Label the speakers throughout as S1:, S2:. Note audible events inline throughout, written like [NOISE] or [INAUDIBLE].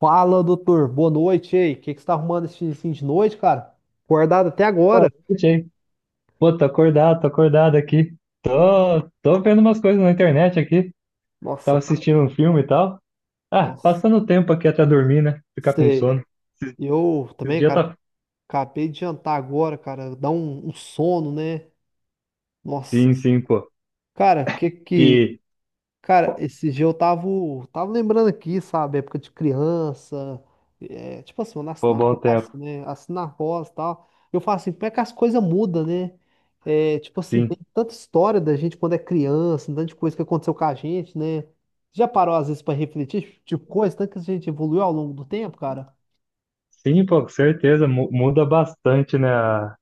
S1: Fala, doutor. Boa noite, ei. O que que você tá arrumando esse fim de noite, cara? Acordado até agora.
S2: Boa noite, hein? Pô, tô acordado aqui. Tô vendo umas coisas na internet aqui.
S1: Nossa,
S2: Tava
S1: cara.
S2: assistindo um filme e tal. Ah,
S1: Nossa.
S2: passando o tempo aqui até dormir, né? Ficar com
S1: Sei.
S2: sono. Esse,
S1: Eu
S2: esse
S1: também,
S2: dia
S1: cara,
S2: tá.
S1: acabei de jantar agora, cara. Dá um sono, né? Nossa.
S2: Sim, sim,
S1: Senhora.
S2: pô.
S1: Cara, o que que
S2: E,
S1: Cara, esse dia eu tava lembrando aqui, sabe, época de criança, é, tipo assim, eu nasci
S2: pô,
S1: na
S2: bom
S1: roça,
S2: tempo.
S1: né, nasci na roça e tal, eu falo assim, como é que as coisas mudam, né, é, tipo assim, tem
S2: Sim.
S1: tanta história da gente quando é criança, tanta coisa que aconteceu com a gente, né, já parou às vezes pra refletir, tipo, coisa, tanto que a gente evoluiu ao longo do tempo, cara?
S2: Sim, pô, com certeza. Muda bastante, né? A,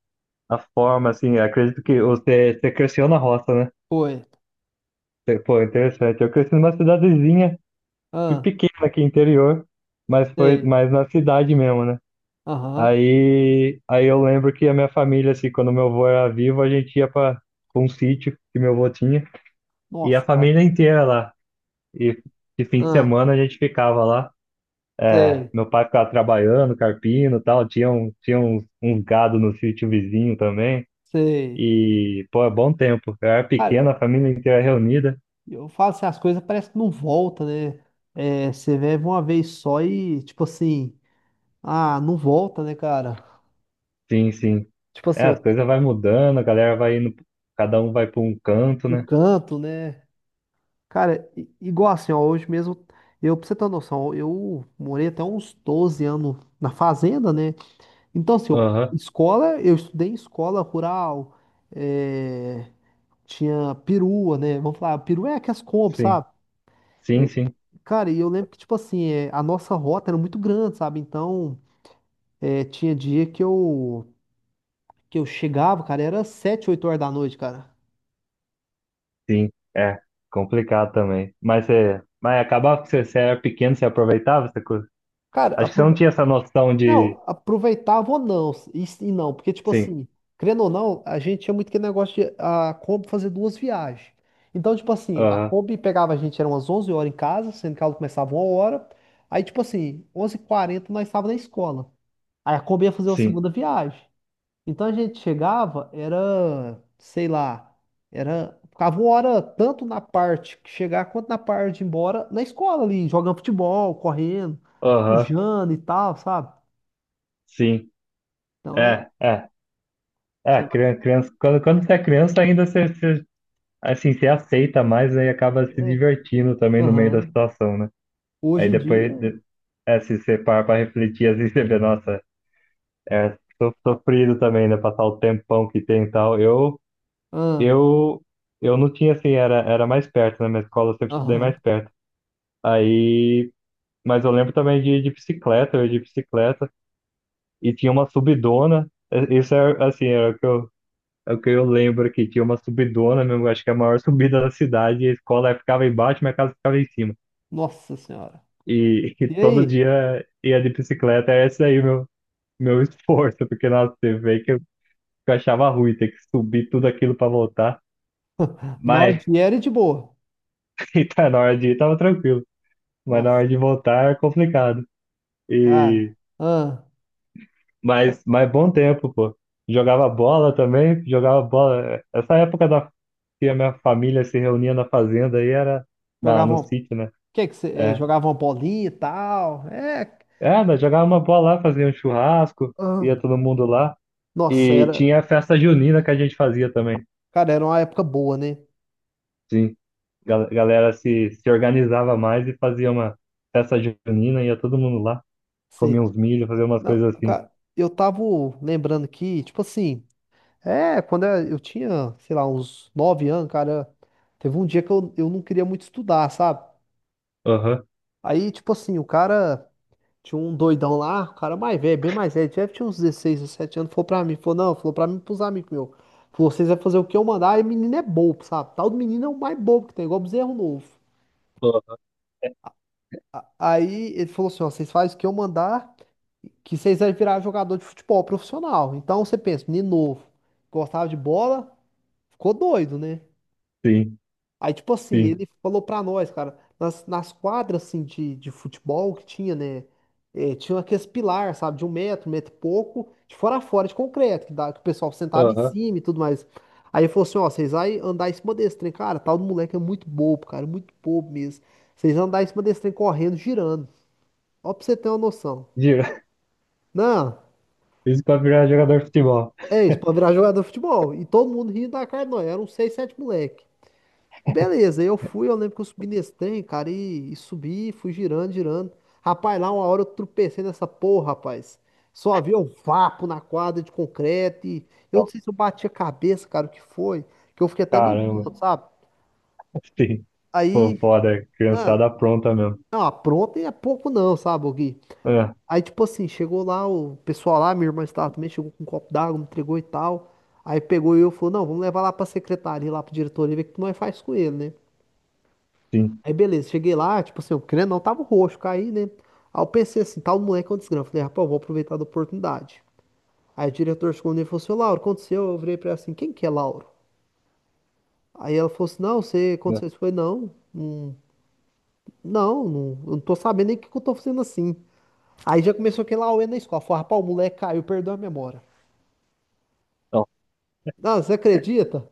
S2: a forma, assim. Acredito que você cresceu na roça, né?
S1: Foi,
S2: Pô, interessante. Eu cresci numa cidadezinha
S1: ah,
S2: pequena aqui, interior. Mas foi
S1: sei,
S2: mais na cidade mesmo, né?
S1: aham,
S2: Aí eu lembro que a minha família, assim, quando meu avô era vivo, a gente ia para um sítio que meu avô tinha, e a
S1: nossa, cara,
S2: família inteira lá. E de fim de
S1: ah,
S2: semana a gente ficava lá. É,
S1: sei,
S2: meu pai ficava trabalhando, carpino e tal, tinha uns gado no sítio vizinho também.
S1: sei,
S2: E, pô, é bom tempo. Eu era
S1: cara,
S2: pequena, a família inteira reunida.
S1: eu falo assim, as coisas parece que não volta, né? É, você vive uma vez só e, tipo assim, ah, não volta, né, cara?
S2: Sim, sim.
S1: Tipo
S2: É,
S1: assim,
S2: as
S1: o,
S2: coisas vai mudando, a galera vai indo, cada um vai para um canto,
S1: o
S2: né?
S1: canto, né? Cara, igual assim, ó, hoje mesmo, eu, pra você ter uma noção, eu morei até uns 12 anos na fazenda, né? Então, assim, eu,
S2: Aham.
S1: escola, eu estudei em escola rural, é, tinha perua, né? Vamos falar, perua é aquelas compras,
S2: Sim.
S1: sabe?
S2: Sim,
S1: É,
S2: sim.
S1: cara, e eu lembro que, tipo assim, é, a nossa rota era muito grande, sabe? Então. É, tinha dia que eu chegava, cara, era 7 8 horas da noite, cara.
S2: Sim, é complicado também. Mas acabava que você era pequeno, você aproveitava essa coisa.
S1: Cara,
S2: Acho que você não tinha essa noção de...
S1: não, aproveitava ou não, e não, porque, tipo
S2: Sim.
S1: assim, querendo ou não, a gente tinha muito aquele negócio de a Kombi fazer duas viagens. Então, tipo assim, a
S2: Aham.
S1: Kombi pegava a gente, eram umas 11 horas em casa, sendo que ela começava uma hora. Aí, tipo assim, onze h 40 nós estávamos na escola. Aí a Kombi ia fazer uma
S2: Sim.
S1: segunda viagem. Então a gente chegava, era, sei lá, era, ficava uma hora tanto na parte que chegar quanto na parte de ir embora na escola ali, jogando futebol, correndo,
S2: Aham.
S1: sujando e tal, sabe?
S2: Sim.
S1: Então é,
S2: É, é,
S1: você
S2: é,
S1: vai,
S2: criança, criança, quando você é criança ainda você, assim, você aceita mais, aí acaba se
S1: é,
S2: divertindo também no meio da
S1: aham.
S2: situação, né?
S1: Hoje
S2: Aí
S1: em dia,
S2: depois, se você parar pra refletir, assim, você vê, nossa, é sofrido também, né? Passar o tempão que tem e tal.
S1: ah,
S2: Eu, eu não tinha assim, era mais perto, né? Na minha escola eu sempre estudei
S1: aham,
S2: mais perto. Aí, mas eu lembro também de bicicleta, eu ia de bicicleta, e tinha uma subidona, isso é assim, era o que eu, é o que eu lembro aqui, tinha uma subidona mesmo, acho que é a maior subida da cidade, e a escola ficava embaixo, minha casa ficava em cima.
S1: nossa senhora.
S2: E, [LAUGHS] e
S1: E
S2: todo
S1: aí?
S2: dia ia de bicicleta, é esse aí meu esforço, porque nossa, você vê que eu achava ruim ter que subir tudo aquilo para voltar, mas
S1: Norte era de boa.
S2: [LAUGHS] tá na hora de ir, tava tranquilo. Mas na
S1: Nossa,
S2: hora de voltar é complicado.
S1: cara.
S2: E
S1: Ah,
S2: mas bom tempo, pô. Jogava bola também, jogava bola. Essa época da que a minha família se reunia na fazenda aí era na no
S1: jogavam,
S2: sítio, né?
S1: que você, é,
S2: É.
S1: jogavam bolinha e tal. É,
S2: É, nós jogava uma bola lá, fazia um churrasco,
S1: ah,
S2: ia todo mundo lá
S1: nossa,
S2: e
S1: era,
S2: tinha a festa junina que a gente fazia também.
S1: cara, era uma época boa, né?
S2: Sim. Galera se organizava mais e fazia uma festa junina, ia todo mundo lá,
S1: Sei.
S2: comia uns milho, fazia umas
S1: Não,
S2: coisas assim.
S1: cara, eu tava lembrando que, tipo assim, é, quando eu tinha, sei lá, uns 9 anos, cara, teve um dia que eu não queria muito estudar, sabe?
S2: Aham.
S1: Aí, tipo assim, o cara tinha um doidão lá, o cara mais velho, bem mais velho, deve tinha uns 16 17 anos, falou pra mim, falou, não, falou pra mim, e pros amigos meus. Falou, vocês vão fazer o que eu mandar, e o menino é bobo, sabe? Tal do menino é o mais bobo que tem, igual bezerro novo.
S2: Aham.
S1: Aí ele falou assim, ó, vocês fazem o que eu mandar. Que vocês vai virar jogador de futebol profissional. Então você pensa, menino novo, gostava de bola, ficou doido, né?
S2: Sim,
S1: Aí, tipo assim,
S2: sim.
S1: ele falou pra nós, cara, nas quadras assim, de futebol que tinha, né? Tinha aqueles pilar, sabe, de um metro e pouco, de fora a fora, de concreto, que, dá, que o pessoal sentava em
S2: Aham.
S1: cima e tudo mais. Aí ele falou assim: ó, vocês vai andar em cima desse trem, cara, tal do moleque é muito bobo, cara, muito bobo mesmo. Vocês vão andar em cima desse trem correndo, girando. Ó, pra você ter uma noção.
S2: Digo,
S1: Não.
S2: isso pra virar jogador de futebol.
S1: É isso, pra virar jogador de futebol. E todo mundo rindo da cara de nós. Eram seis, sete moleque. E beleza, eu fui, eu lembro que eu subi nesse trem, cara, e subi, fui girando, girando. Rapaz, lá uma hora eu tropecei nessa porra, rapaz. Só havia um vapo na quadra de concreto. E eu não
S2: Não.
S1: sei se eu bati a cabeça, cara, o que foi. Que eu fiquei até meio
S2: Caramba.
S1: tonto, sabe?
S2: Sim. Pô,
S1: Aí,
S2: foda.
S1: ah,
S2: Criançada pronta mesmo.
S1: não, apronta e é pouco não, sabe, ô Gui?
S2: Ah,
S1: Aí, tipo assim, chegou lá, o pessoal lá, minha irmã estava também, chegou com um copo d'água, me entregou e tal. Aí pegou eu e falou, não, vamos levar lá pra secretaria, lá pra diretoria, ver o que nós faz com ele, né?
S2: sim.
S1: Aí beleza, cheguei lá, tipo assim, o crânio não tava roxo, caí, né? Aí eu pensei assim, tal moleque é um desgrama. Falei, rapaz, eu vou aproveitar da oportunidade. Aí o diretor chegou nele e falou assim, ô Lauro, o que aconteceu? Eu virei pra ela assim, quem que é Lauro? Aí ela falou assim, não, você
S2: Não.
S1: aconteceu isso? Eu falei, não, não, não, não, eu não tô sabendo nem o que que eu tô fazendo assim. Aí já começou aquele auê na escola. Falei, rapaz, o moleque caiu, perdeu a memória. Não, você acredita?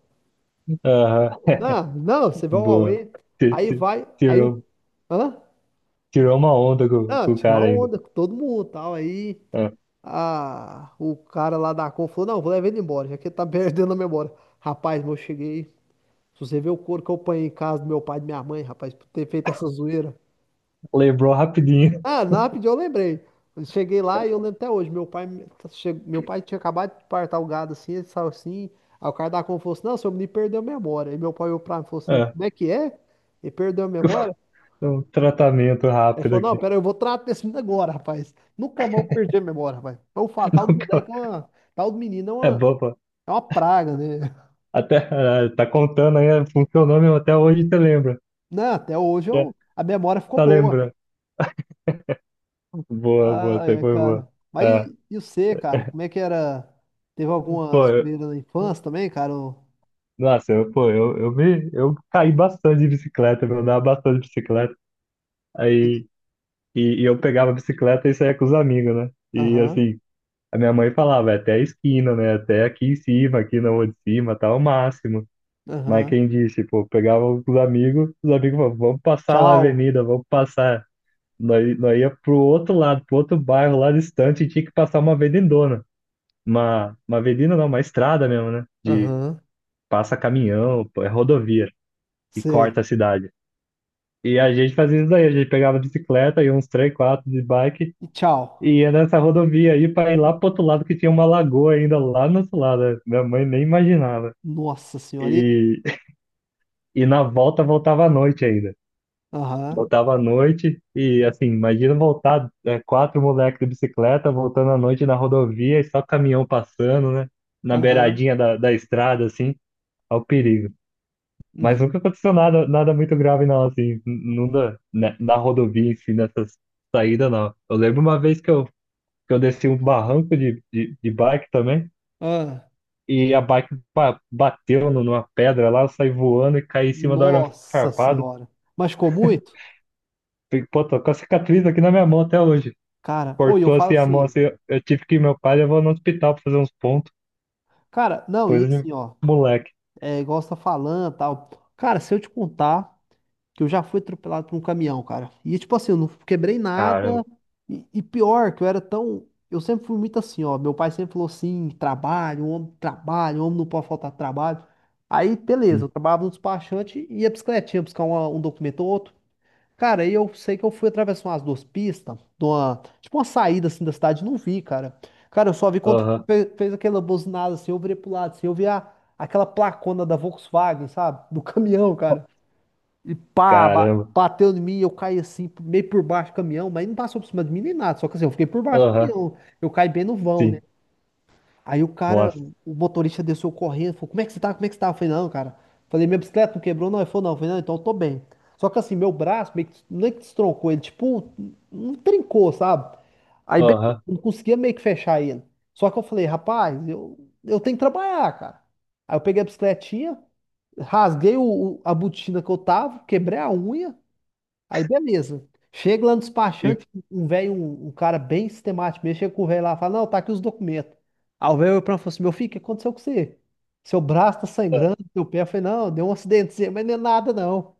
S2: Aham.
S1: Não, não, você
S2: [LAUGHS]
S1: vai ao
S2: Boa.
S1: Aue,
S2: Ti-
S1: aí
S2: ti-
S1: vai, aí o.
S2: Tirou,
S1: Hã?
S2: tirou uma onda com,
S1: Não,
S2: com o
S1: tirou
S2: cara
S1: uma
S2: ainda.
S1: onda com todo mundo e tal. Aí
S2: Ah,
S1: a, o cara lá da Com falou: não, vou levar ele embora, já que ele tá [LAUGHS] perdendo a memória. Rapaz, mas eu cheguei. Se você ver o couro que eu apanhei em casa do meu pai e da minha mãe, rapaz, por ter feito essa zoeira.
S2: lembrou rapidinho.
S1: Ah, na rapidinho eu lembrei. Eu cheguei lá e eu lembro até hoje. Meu pai, meu pai tinha acabado de partar o gado assim, ele saiu assim. Aí o cara da Compra falou assim: não, seu menino perdeu a memória. Aí meu pai olhou pra mim e falou assim:
S2: Ah,
S1: como é que é? Ele perdeu a memória?
S2: um tratamento
S1: Aí ele
S2: rápido
S1: falou: não,
S2: aqui.
S1: pera, eu vou tratar desse menino agora, rapaz. Nunca mais eu perdi a memória, rapaz. Então, eu falo:
S2: [LAUGHS]
S1: tal do
S2: Nunca-
S1: moleque é uma. Tal do menino
S2: É bom, pô.
S1: é uma praga, né? [LAUGHS]
S2: Até, tá contando aí, funcionou mesmo. Até hoje você lembra,
S1: Não, até hoje
S2: né?
S1: eu, a memória ficou
S2: Tá
S1: boa.
S2: lembrando. Boa, boa.
S1: Ah,
S2: Você
S1: é,
S2: foi boa.
S1: cara. Mas
S2: Ah,
S1: e você, cara? Como é que era? Teve alguma
S2: pô,
S1: zoeira na infância também, cara?
S2: nossa, pô, eu caí bastante de bicicleta, eu andava bastante de bicicleta. Aí, e eu pegava a bicicleta e saía com os amigos, né? E
S1: Aham,
S2: assim, a minha mãe falava, "É até a esquina, né? Até aqui em cima, aqui na rua de cima, tá o máximo." Mas
S1: aham.
S2: quem disse, pô, eu pegava com os amigos falavam, vamos passar lá a
S1: Tchau.
S2: avenida, vamos passar. Nós ia pro outro lado, pro outro bairro lá distante, e tinha que passar uma avenidona. Uma avenida não, uma estrada mesmo, né? De
S1: Aham,
S2: passa caminhão, pô, é rodovia e
S1: sei.
S2: corta a cidade. E a gente fazia isso daí, a gente pegava bicicleta e uns três, quatro de bike
S1: E tchau.
S2: e ia nessa rodovia aí para ir lá pro outro lado que tinha uma lagoa ainda lá no outro lado. Né? Minha mãe nem imaginava.
S1: Nossa senhora. E-
S2: E, [LAUGHS] e na volta voltava à noite ainda.
S1: aham,
S2: Voltava à noite e assim, imagina voltar quatro moleques de bicicleta voltando à noite na rodovia e só caminhão passando, né? Na
S1: aham.
S2: beiradinha da estrada, assim, ao perigo. Mas
S1: Uhum.
S2: nunca aconteceu nada, nada muito grave, não, assim, não na rodovia, assim, nessas saídas, não. Eu lembro uma vez que eu desci um barranco de bike também,
S1: Ah,
S2: e a bike bateu numa pedra lá, eu saí voando e caí em cima do arame
S1: nossa
S2: farpado.
S1: senhora. Machucou muito?
S2: Pô, tô com a cicatriz aqui na minha mão até hoje.
S1: Cara, oi, eu
S2: Cortou
S1: falo
S2: assim a mão,
S1: assim.
S2: assim, eu tive que ir meu pai levou no hospital pra fazer uns pontos,
S1: Cara, não, e
S2: coisa de
S1: assim, ó.
S2: moleque.
S1: É igual você tá falando, tal. Cara, se eu te contar. Que eu já fui atropelado por um caminhão, cara. E tipo assim, eu não quebrei nada.
S2: Caramba.
S1: E pior, que eu era tão. Eu sempre fui muito assim, ó. Meu pai sempre falou assim: trabalho, homem não pode faltar trabalho. Aí, beleza, eu
S2: Sim.
S1: trabalhava no despachante e ia bicicletinha buscar um documento ou outro. Cara, aí eu sei que eu fui atravessar umas duas pistas, de uma, tipo uma saída assim da cidade, não vi, cara. Cara, eu só vi quando
S2: Aham.
S1: fez aquela buzinada assim, eu virei pro lado, assim, eu vi a, aquela placona da Volkswagen, sabe? Do [LAUGHS] caminhão, cara. E pá, ba-
S2: Caramba.
S1: bateu em mim, eu caí assim, meio por baixo do caminhão, mas não passou por cima de mim nem nada, só que assim, eu fiquei por baixo do
S2: Aham.
S1: caminhão, eu caí bem no vão, né?
S2: Sim.
S1: Aí o cara,
S2: Nossa.
S1: o motorista desceu correndo, falou, como é que você tá, como é que você tá? Eu falei, não, cara, falei, minha bicicleta não quebrou? Não, ele falou, não, eu falei, não, então eu tô bem. Só que assim, meu braço meio que, não é que destroncou, ele tipo, não trincou, sabe? Aí bem,
S2: Aham.
S1: não conseguia meio que fechar ele. Só que eu falei, rapaz, eu tenho que trabalhar, cara. Aí eu peguei a bicicletinha, rasguei o, a botina que eu tava, quebrei a unha, aí beleza. Chega lá no
S2: E
S1: despachante, um velho, um cara bem sistemático mesmo, chega com o velho lá e fala, não, tá aqui os documentos. Aí o velho olhou pra mim e falou assim, meu filho, o que aconteceu com você? Seu braço tá sangrando, seu pé. Eu falei, não, deu um acidentezinho, [LAUGHS] mas não é nada não.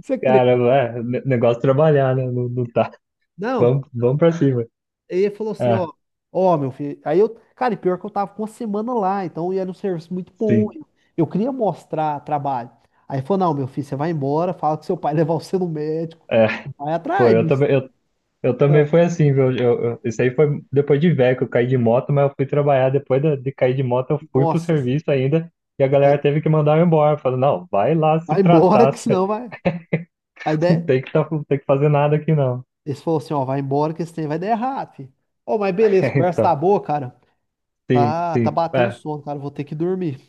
S1: Você crê?
S2: Caramba, negócio trabalhar, né? Não, não tá.
S1: Não.
S2: Vamos, vamos pra cima.
S1: Aí ele falou assim,
S2: Ah,
S1: ó, ó, meu filho. Aí eu, cara, e pior que eu tava com uma semana lá, então e era um serviço muito bom.
S2: sim.
S1: Eu queria mostrar trabalho. Aí ele falou, não, meu filho, você vai embora, fala que seu pai [LAUGHS] levar você no médico.
S2: É,
S1: Vai
S2: pô,
S1: atrás,
S2: eu
S1: bicho.
S2: também, eu, eu também
S1: Ah,
S2: foi assim, viu? Isso aí foi depois de velho que eu caí de moto, mas eu fui trabalhar. Depois de cair de moto, eu fui pro
S1: nossa.
S2: serviço ainda e a galera
S1: Aí-
S2: teve que mandar eu embora. Falando, não, vai lá se
S1: Vai embora,
S2: tratar, [LAUGHS]
S1: que
S2: você
S1: senão vai, vai
S2: não
S1: der.
S2: tem que, tá, não tem que fazer nada aqui, não.
S1: Eles falaram assim, ó, vai embora que esse trem vai dar errado, filho. Ô, mas
S2: [LAUGHS]
S1: beleza, a
S2: É,
S1: conversa tá
S2: então,
S1: boa, cara.
S2: sim,
S1: Ah, tá
S2: sim.
S1: batendo sono, cara, vou ter que dormir.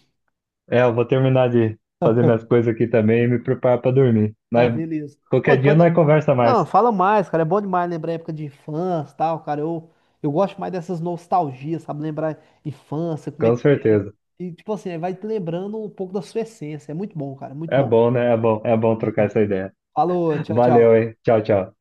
S2: Eu vou terminar de fazer minhas coisas aqui também e me preparar pra dormir.
S1: Não,
S2: Mas
S1: beleza. Ô,
S2: qualquer dia
S1: depois...
S2: nós conversa
S1: não,
S2: mais,
S1: fala mais, cara, é bom demais lembrar a época de infância e tal, cara. Eu gosto mais dessas nostalgias, sabe? Lembrar infância, como é
S2: com
S1: que era.
S2: certeza.
S1: E, tipo assim, aí vai te lembrando um pouco da sua essência. É muito bom, cara, muito
S2: É
S1: bom.
S2: bom, né? É bom trocar
S1: [LAUGHS]
S2: essa ideia.
S1: Falou, tchau,
S2: Valeu,
S1: tchau.
S2: hein? Tchau, tchau.